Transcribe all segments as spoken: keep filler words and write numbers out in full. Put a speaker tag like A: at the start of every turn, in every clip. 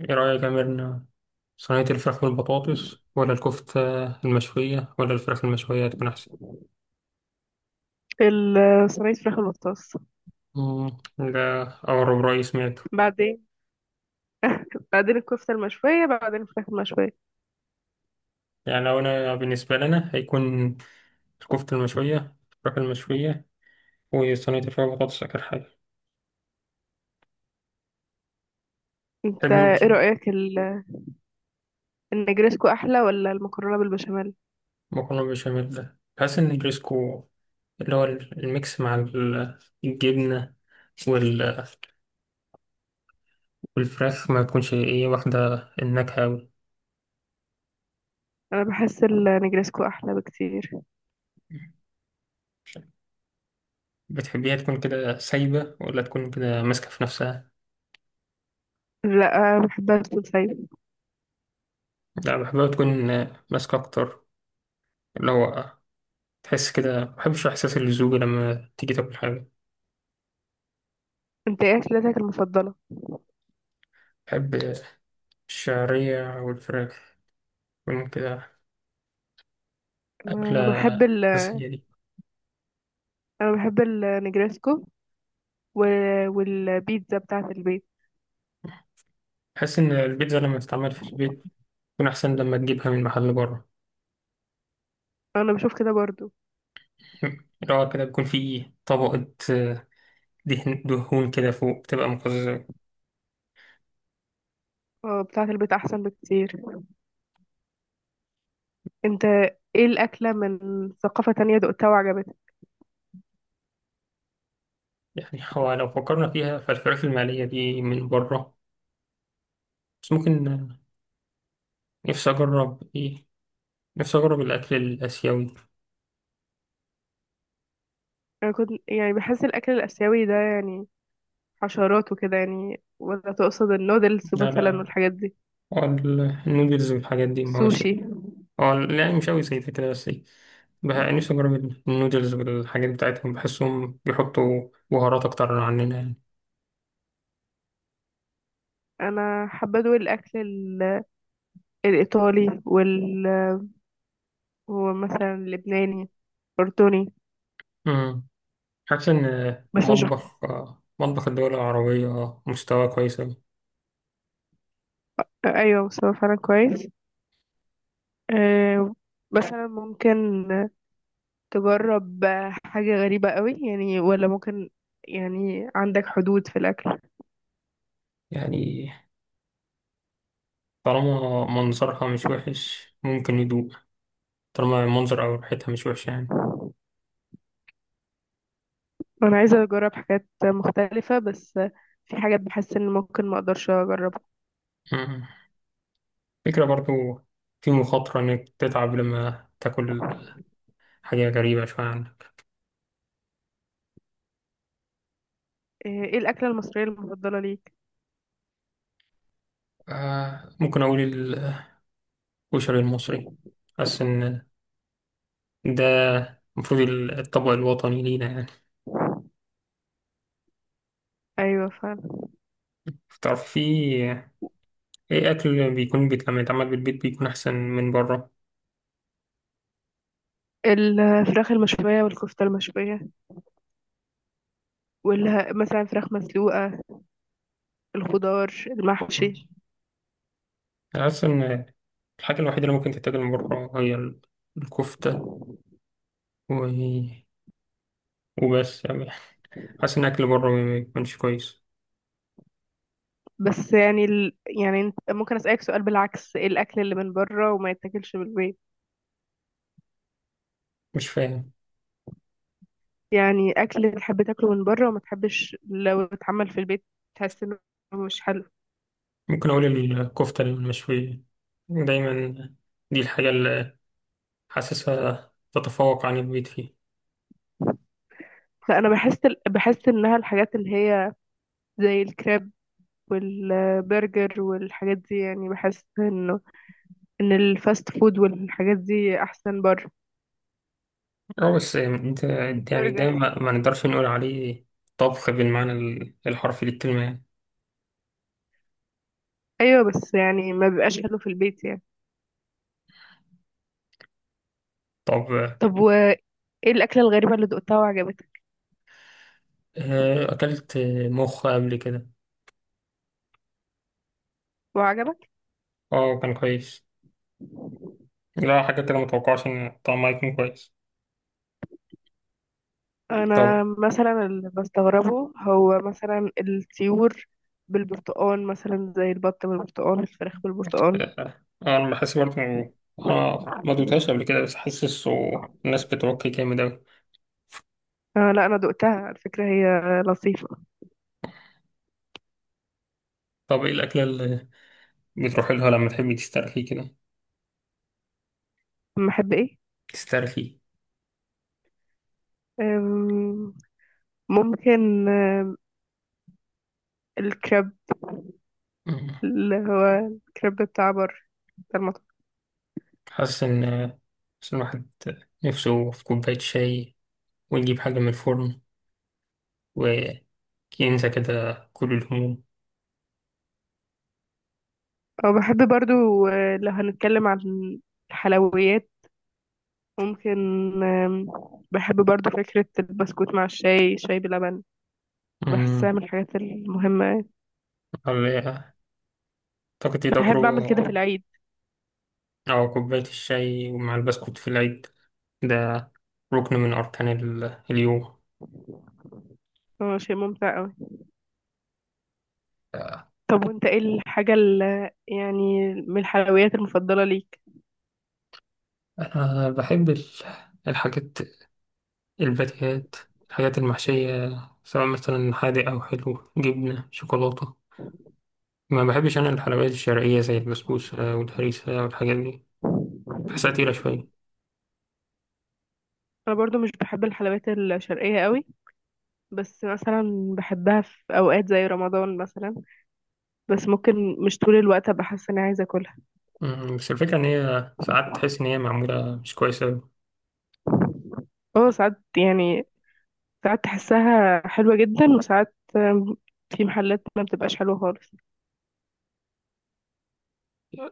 A: ايه رأيك يا ميرنا؟ صينية الفراخ بالبطاطس ولا الكفتة المشوية ولا الفراخ المشوية هتكون أحسن؟
B: في ال- صينية فراخ المختص.
A: مم، ده أغرب رأي سمعته.
B: بعدين بعدين الكفتة المشوية، بعدين الفراخ المشوية.
A: يعني لو أنا بالنسبة لنا هيكون الكفتة المشوية، الفراخ المشوية، وصينية الفراخ بالبطاطس آخر حاجة.
B: انت
A: تحب
B: ايه
A: انتي
B: رأيك ال- النجرسكو احلى ولا المكرونة بالبشاميل؟
A: مكرونة بالبشاميل؟ ده بحس إن الريسكو اللي هو الميكس مع ال- الجبنة وال- والفراخ ما تكونش إيه واخدة النكهة أوي.
B: انا بحس النجرسكو احلى بكتير.
A: بتحبيها تكون كده سايبة ولا تكون كده ماسكة في نفسها؟
B: لا، بحبها تكون سايبة.
A: لا بحبها تكون آه، ماسكة أكتر. اللي هو آه، تحس كده مبحبش إحساس اللزوجة لما تيجي تاكل حاجة.
B: انت ايه اكلتك المفضلة؟
A: بحب آه، الشعرية والفراخ تكون كده. أكلة
B: انا بحب ال
A: أساسية دي.
B: انا بحب النجرسكو و... والبيتزا بتاعة البيت.
A: بحس إن البيتزا لما تتعمل في البيت تكون أحسن لما تجيبها من محل بره.
B: انا بشوف كده برضو.
A: اللي هو كده بيكون فيه طبقة آه، دهن، دهون كده فوق بتبقى مقززة.
B: اه، بتاعة البيت احسن بكتير. انت ايه الاكلة من ثقافة تانية دقتها وعجبتك؟
A: يعني هو لو فكرنا فيها فالفراخ المقلية دي من بره، بس ممكن نفسي أجرب إيه، نفسي أجرب الأكل الآسيوي.
B: انا كنت يعني بحس الاكل الاسيوي ده يعني حشرات وكده، يعني ولا تقصد النودلز
A: لا
B: مثلا
A: لا،
B: والحاجات دي؟
A: هو ال- النودلز والحاجات دي
B: سوشي.
A: مواشي. هو ال- يعني مش أوي زي ده كده، بس إيه بح- نفسي أجرب ال- النودلز والحاجات بتاعتهم، بحسهم بيحطوا بهارات أكتر عننا يعني.
B: انا حابه ادوق الاكل ال- الايطالي، وال ومثلا اللبناني، اردني.
A: أمم. حاسس إن
B: بس مش.
A: مطبخ مطبخ الدول العربية مستوى كويس أوي.
B: ايوه، مستوى فعلا كويس. أه، مثلا ممكن تجرب حاجه غريبه قوي يعني؟ ولا ممكن يعني عندك حدود في الاكل؟
A: يعني طالما منظرها مش وحش ممكن يدوق، طالما المنظر أو ريحتها مش وحشة يعني.
B: انا عايزه اجرب حاجات مختلفه، بس في حاجات بحس ان ممكن ما اقدرش اجربها.
A: أمم. فكرة برضو، في مخاطرة إنك تتعب لما تاكل حاجة غريبة شوية عنك.
B: آه، ايه الاكله المصريه المفضله ليك؟
A: آه ممكن أقول الكشري المصري. حاسس إن ده المفروض الطبق الوطني لينا يعني.
B: ايوه فعلا.
A: تعرف في أي أكل بيكون بيت لما يتعمل بالبيت بيكون أحسن من بره.
B: الفراخ المشوية والكفتة المشوية، واللي مثلا فراخ مسلوقة، الخضار المحشي.
A: أنا حاسس إن الحاجة الوحيدة اللي ممكن تتاكل من بره هي ال- الكفتة، و... وبس يعني. حاسس إن أكل بره ما بيكونش كويس.
B: بس يعني ال... يعني انت- ممكن أسألك سؤال بالعكس، ايه الأكل اللي من بره وما يتاكلش من البيت؟
A: مش فاهم.
B: يعني أكل تحب تاكله من بره وما تحبش لو اتعمل في البيت، تحس انه مش حلو.
A: ممكن أقول الكفتة المشوية دايما، دي الحاجة اللي حاسسها تتفوق عن البيت فيه.
B: لا، انا بحس ال... بحس انها الحاجات اللي هي زي الكريب والبرجر والحاجات دي، يعني بحس انه ان الفاست فود والحاجات دي احسن بره.
A: اه بس انت يعني
B: برجر.
A: ده ما, ما نقدرش نقول عليه طبخ بالمعنى ال- الحرفي للكلمة يعني.
B: ايوه، بس يعني ما بيبقاش حلو في البيت يعني.
A: طب،
B: طب وايه الاكله الغريبه اللي دقتها وعجبتك؟
A: آه، أكلت مخ قبل كده.
B: وعجبك.
A: اه كان كويس، لا حاجة كده متوقعش إن طعمها يكون كويس.
B: انا
A: طب،
B: مثلا اللي بستغربه هو مثلا الطيور بالبرتقال، مثلا زي البط بالبرتقال، الفراخ بالبرتقال.
A: آه، أنا بحس برضه إنه اه ما دوتهاش قبل كده بس حاسس الناس بتوكي جامد أوي.
B: آه لا، انا دقتها على فكره، هي لطيفه.
A: طب إيه الأكلة اللي بتروحي لها لما تحبي تسترخي كده،
B: أما احب ايه؟
A: تسترخي؟
B: أم، ممكن آم، الكريب.
A: مم.
B: اللي هو الكريب بتاع بر بتاع المطعم.
A: حاسس إن حاسس إن الواحد نفسه في كوباية شاي، ونجيب حاجة من الفرن، وكنسى كده كل الهموم.
B: أو بحب برضو، آه، لو هنتكلم عن الحلويات، ممكن، آم، بحب برضو فكرة البسكوت مع الشاي، شاي بلبن. بحسها
A: أمم،
B: من الحاجات المهمة يعني.
A: والله أعتقد دي
B: بحب أعمل كده في
A: تجربة.
B: العيد.
A: أو كوباية الشاي ومع البسكوت في العيد ده ركن من أركان ال- اليوم.
B: هو شيء ممتع أوي. طب وأنت إيه الحاجة اللي يعني من الحلويات المفضلة ليك؟
A: أنا بحب ال- الحاجات، الباتيهات، الحاجات المحشية، سواء مثلا حادق أو حلو جبنة شوكولاتة. ما بحبش أنا الحلويات الشرقية زي البسبوسة والهريسة والحاجات دي، بحسها تقيلة شوية.
B: أنا برضو مش بحب الحلويات الشرقية أوي، بس مثلا بحبها في أوقات زي رمضان مثلا، بس ممكن مش طول الوقت أبقى حاسة إني عايزة أكلها.
A: أمم، بس الفكرة إن هي ساعات تحس إن هي معمولة مش كويسة
B: أه ساعات يعني، ساعات تحسها حلوة جدا، وساعات آم، في محلات ما بتبقاش حلوة خالص.
A: أوي.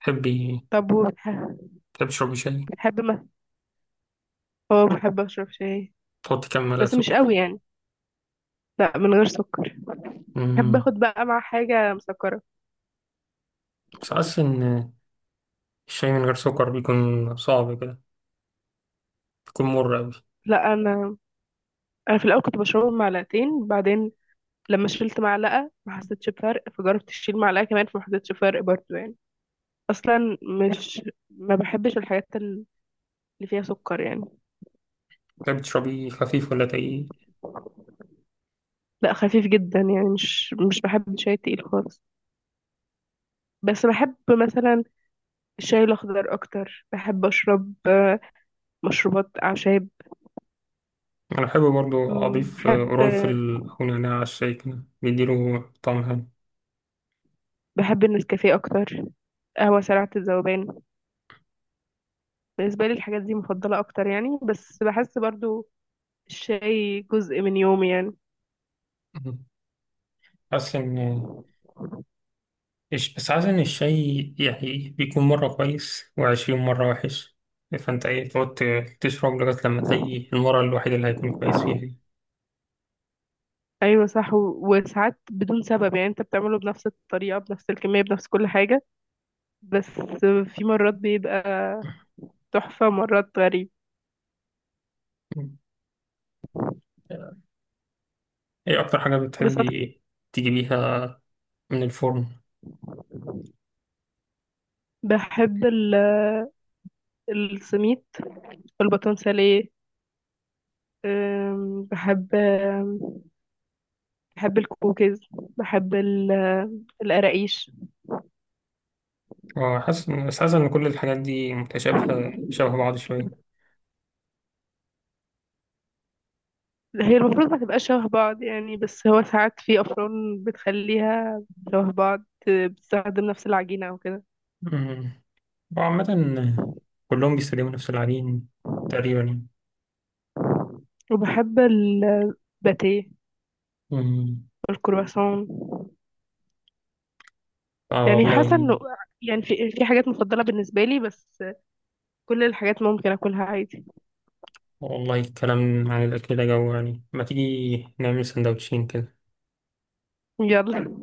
A: تحبي
B: طب وبتح-
A: تحبي تشربي شاي؟
B: بحب مثلا، اه بحب اشرب شاي،
A: تحطي كام معلقة
B: بس مش قوي
A: سكر؟
B: يعني. لا، من غير سكر. بحب
A: مم.
B: اخد بقى مع حاجه مسكره.
A: بس حاسس إن الشاي من غير سكر بيكون صعب كده، بيكون مر أوي.
B: لا انا انا في الاول كنت بشربه بمعلقتين، بعدين لما شلت معلقه ما حسيتش بفرق، فجربت اشيل معلقه كمان فما حسيتش بفرق برضه يعني. اصلا مش ما بحبش الحاجات اللي فيها سكر يعني.
A: تحبي تشربي خفيف ولا تقيل؟
B: لا، خفيف جدا يعني، مش مش بحب الشاي التقيل خالص. بس بحب مثلا الشاي الاخضر اكتر. بحب اشرب آه، مشروبات اعشاب.
A: أنا بحب برضو
B: مم،
A: أضيف آه،
B: بحب.
A: قرنفل أو نعناع على الشاي كده بيديله طعم حلو.
B: بحب النسكافيه اكتر، قهوة سريعة الذوبان. بالنسبة لي الحاجات دي مفضلة أكتر يعني، بس بحس برضو الشاي جزء من يومي يعني.
A: مم. حاسس إن إيش بس حاسس إن الشاي يعني بيكون مرة كويس وعشرين مرة وحش. فأنت إيه، تقعد تشرب لغاية لما تلاقي المرة الوحيدة اللي هيكون كويس فيها.
B: أيوة صح، و- وساعات بدون سبب يعني، أنت بتعمله بنفس الطريقة بنفس الكمية بنفس كل حاجة، بس في مرات بيبقى تحفة، مرات غريب.
A: دي. ايه اكتر حاجة
B: بصراحة
A: بتحبي تجيبيها من الفرن؟
B: بحب ال- السميت والباتون ساليه. أم، بحب أم، بحب الكوكيز. بحب ال- القراقيش.
A: وحاسس، بس حاسس ان كل الحاجات دي متشابهة شبه بعض شوية.
B: هي المفروض ما تبقاش شبه بعض يعني، بس هو ساعات في أفران بتخليها شبه بعض، بتستخدم نفس العجينة أو كده.
A: أمم. وعامة كلهم بيستخدموا نفس العجين تقريبا يعني.
B: وبحب الباتيه
A: أمم.
B: والكرواسون.
A: آه
B: يعني حاسة
A: والله.
B: انه يعني في في حاجات مفضلة بالنسبة لي، بس كل الحاجات ممكن اكلها عادي.
A: والله الكلام عن الأكل ده جو، يعني ما تيجي نعمل سندوتشين كده؟
B: يلا.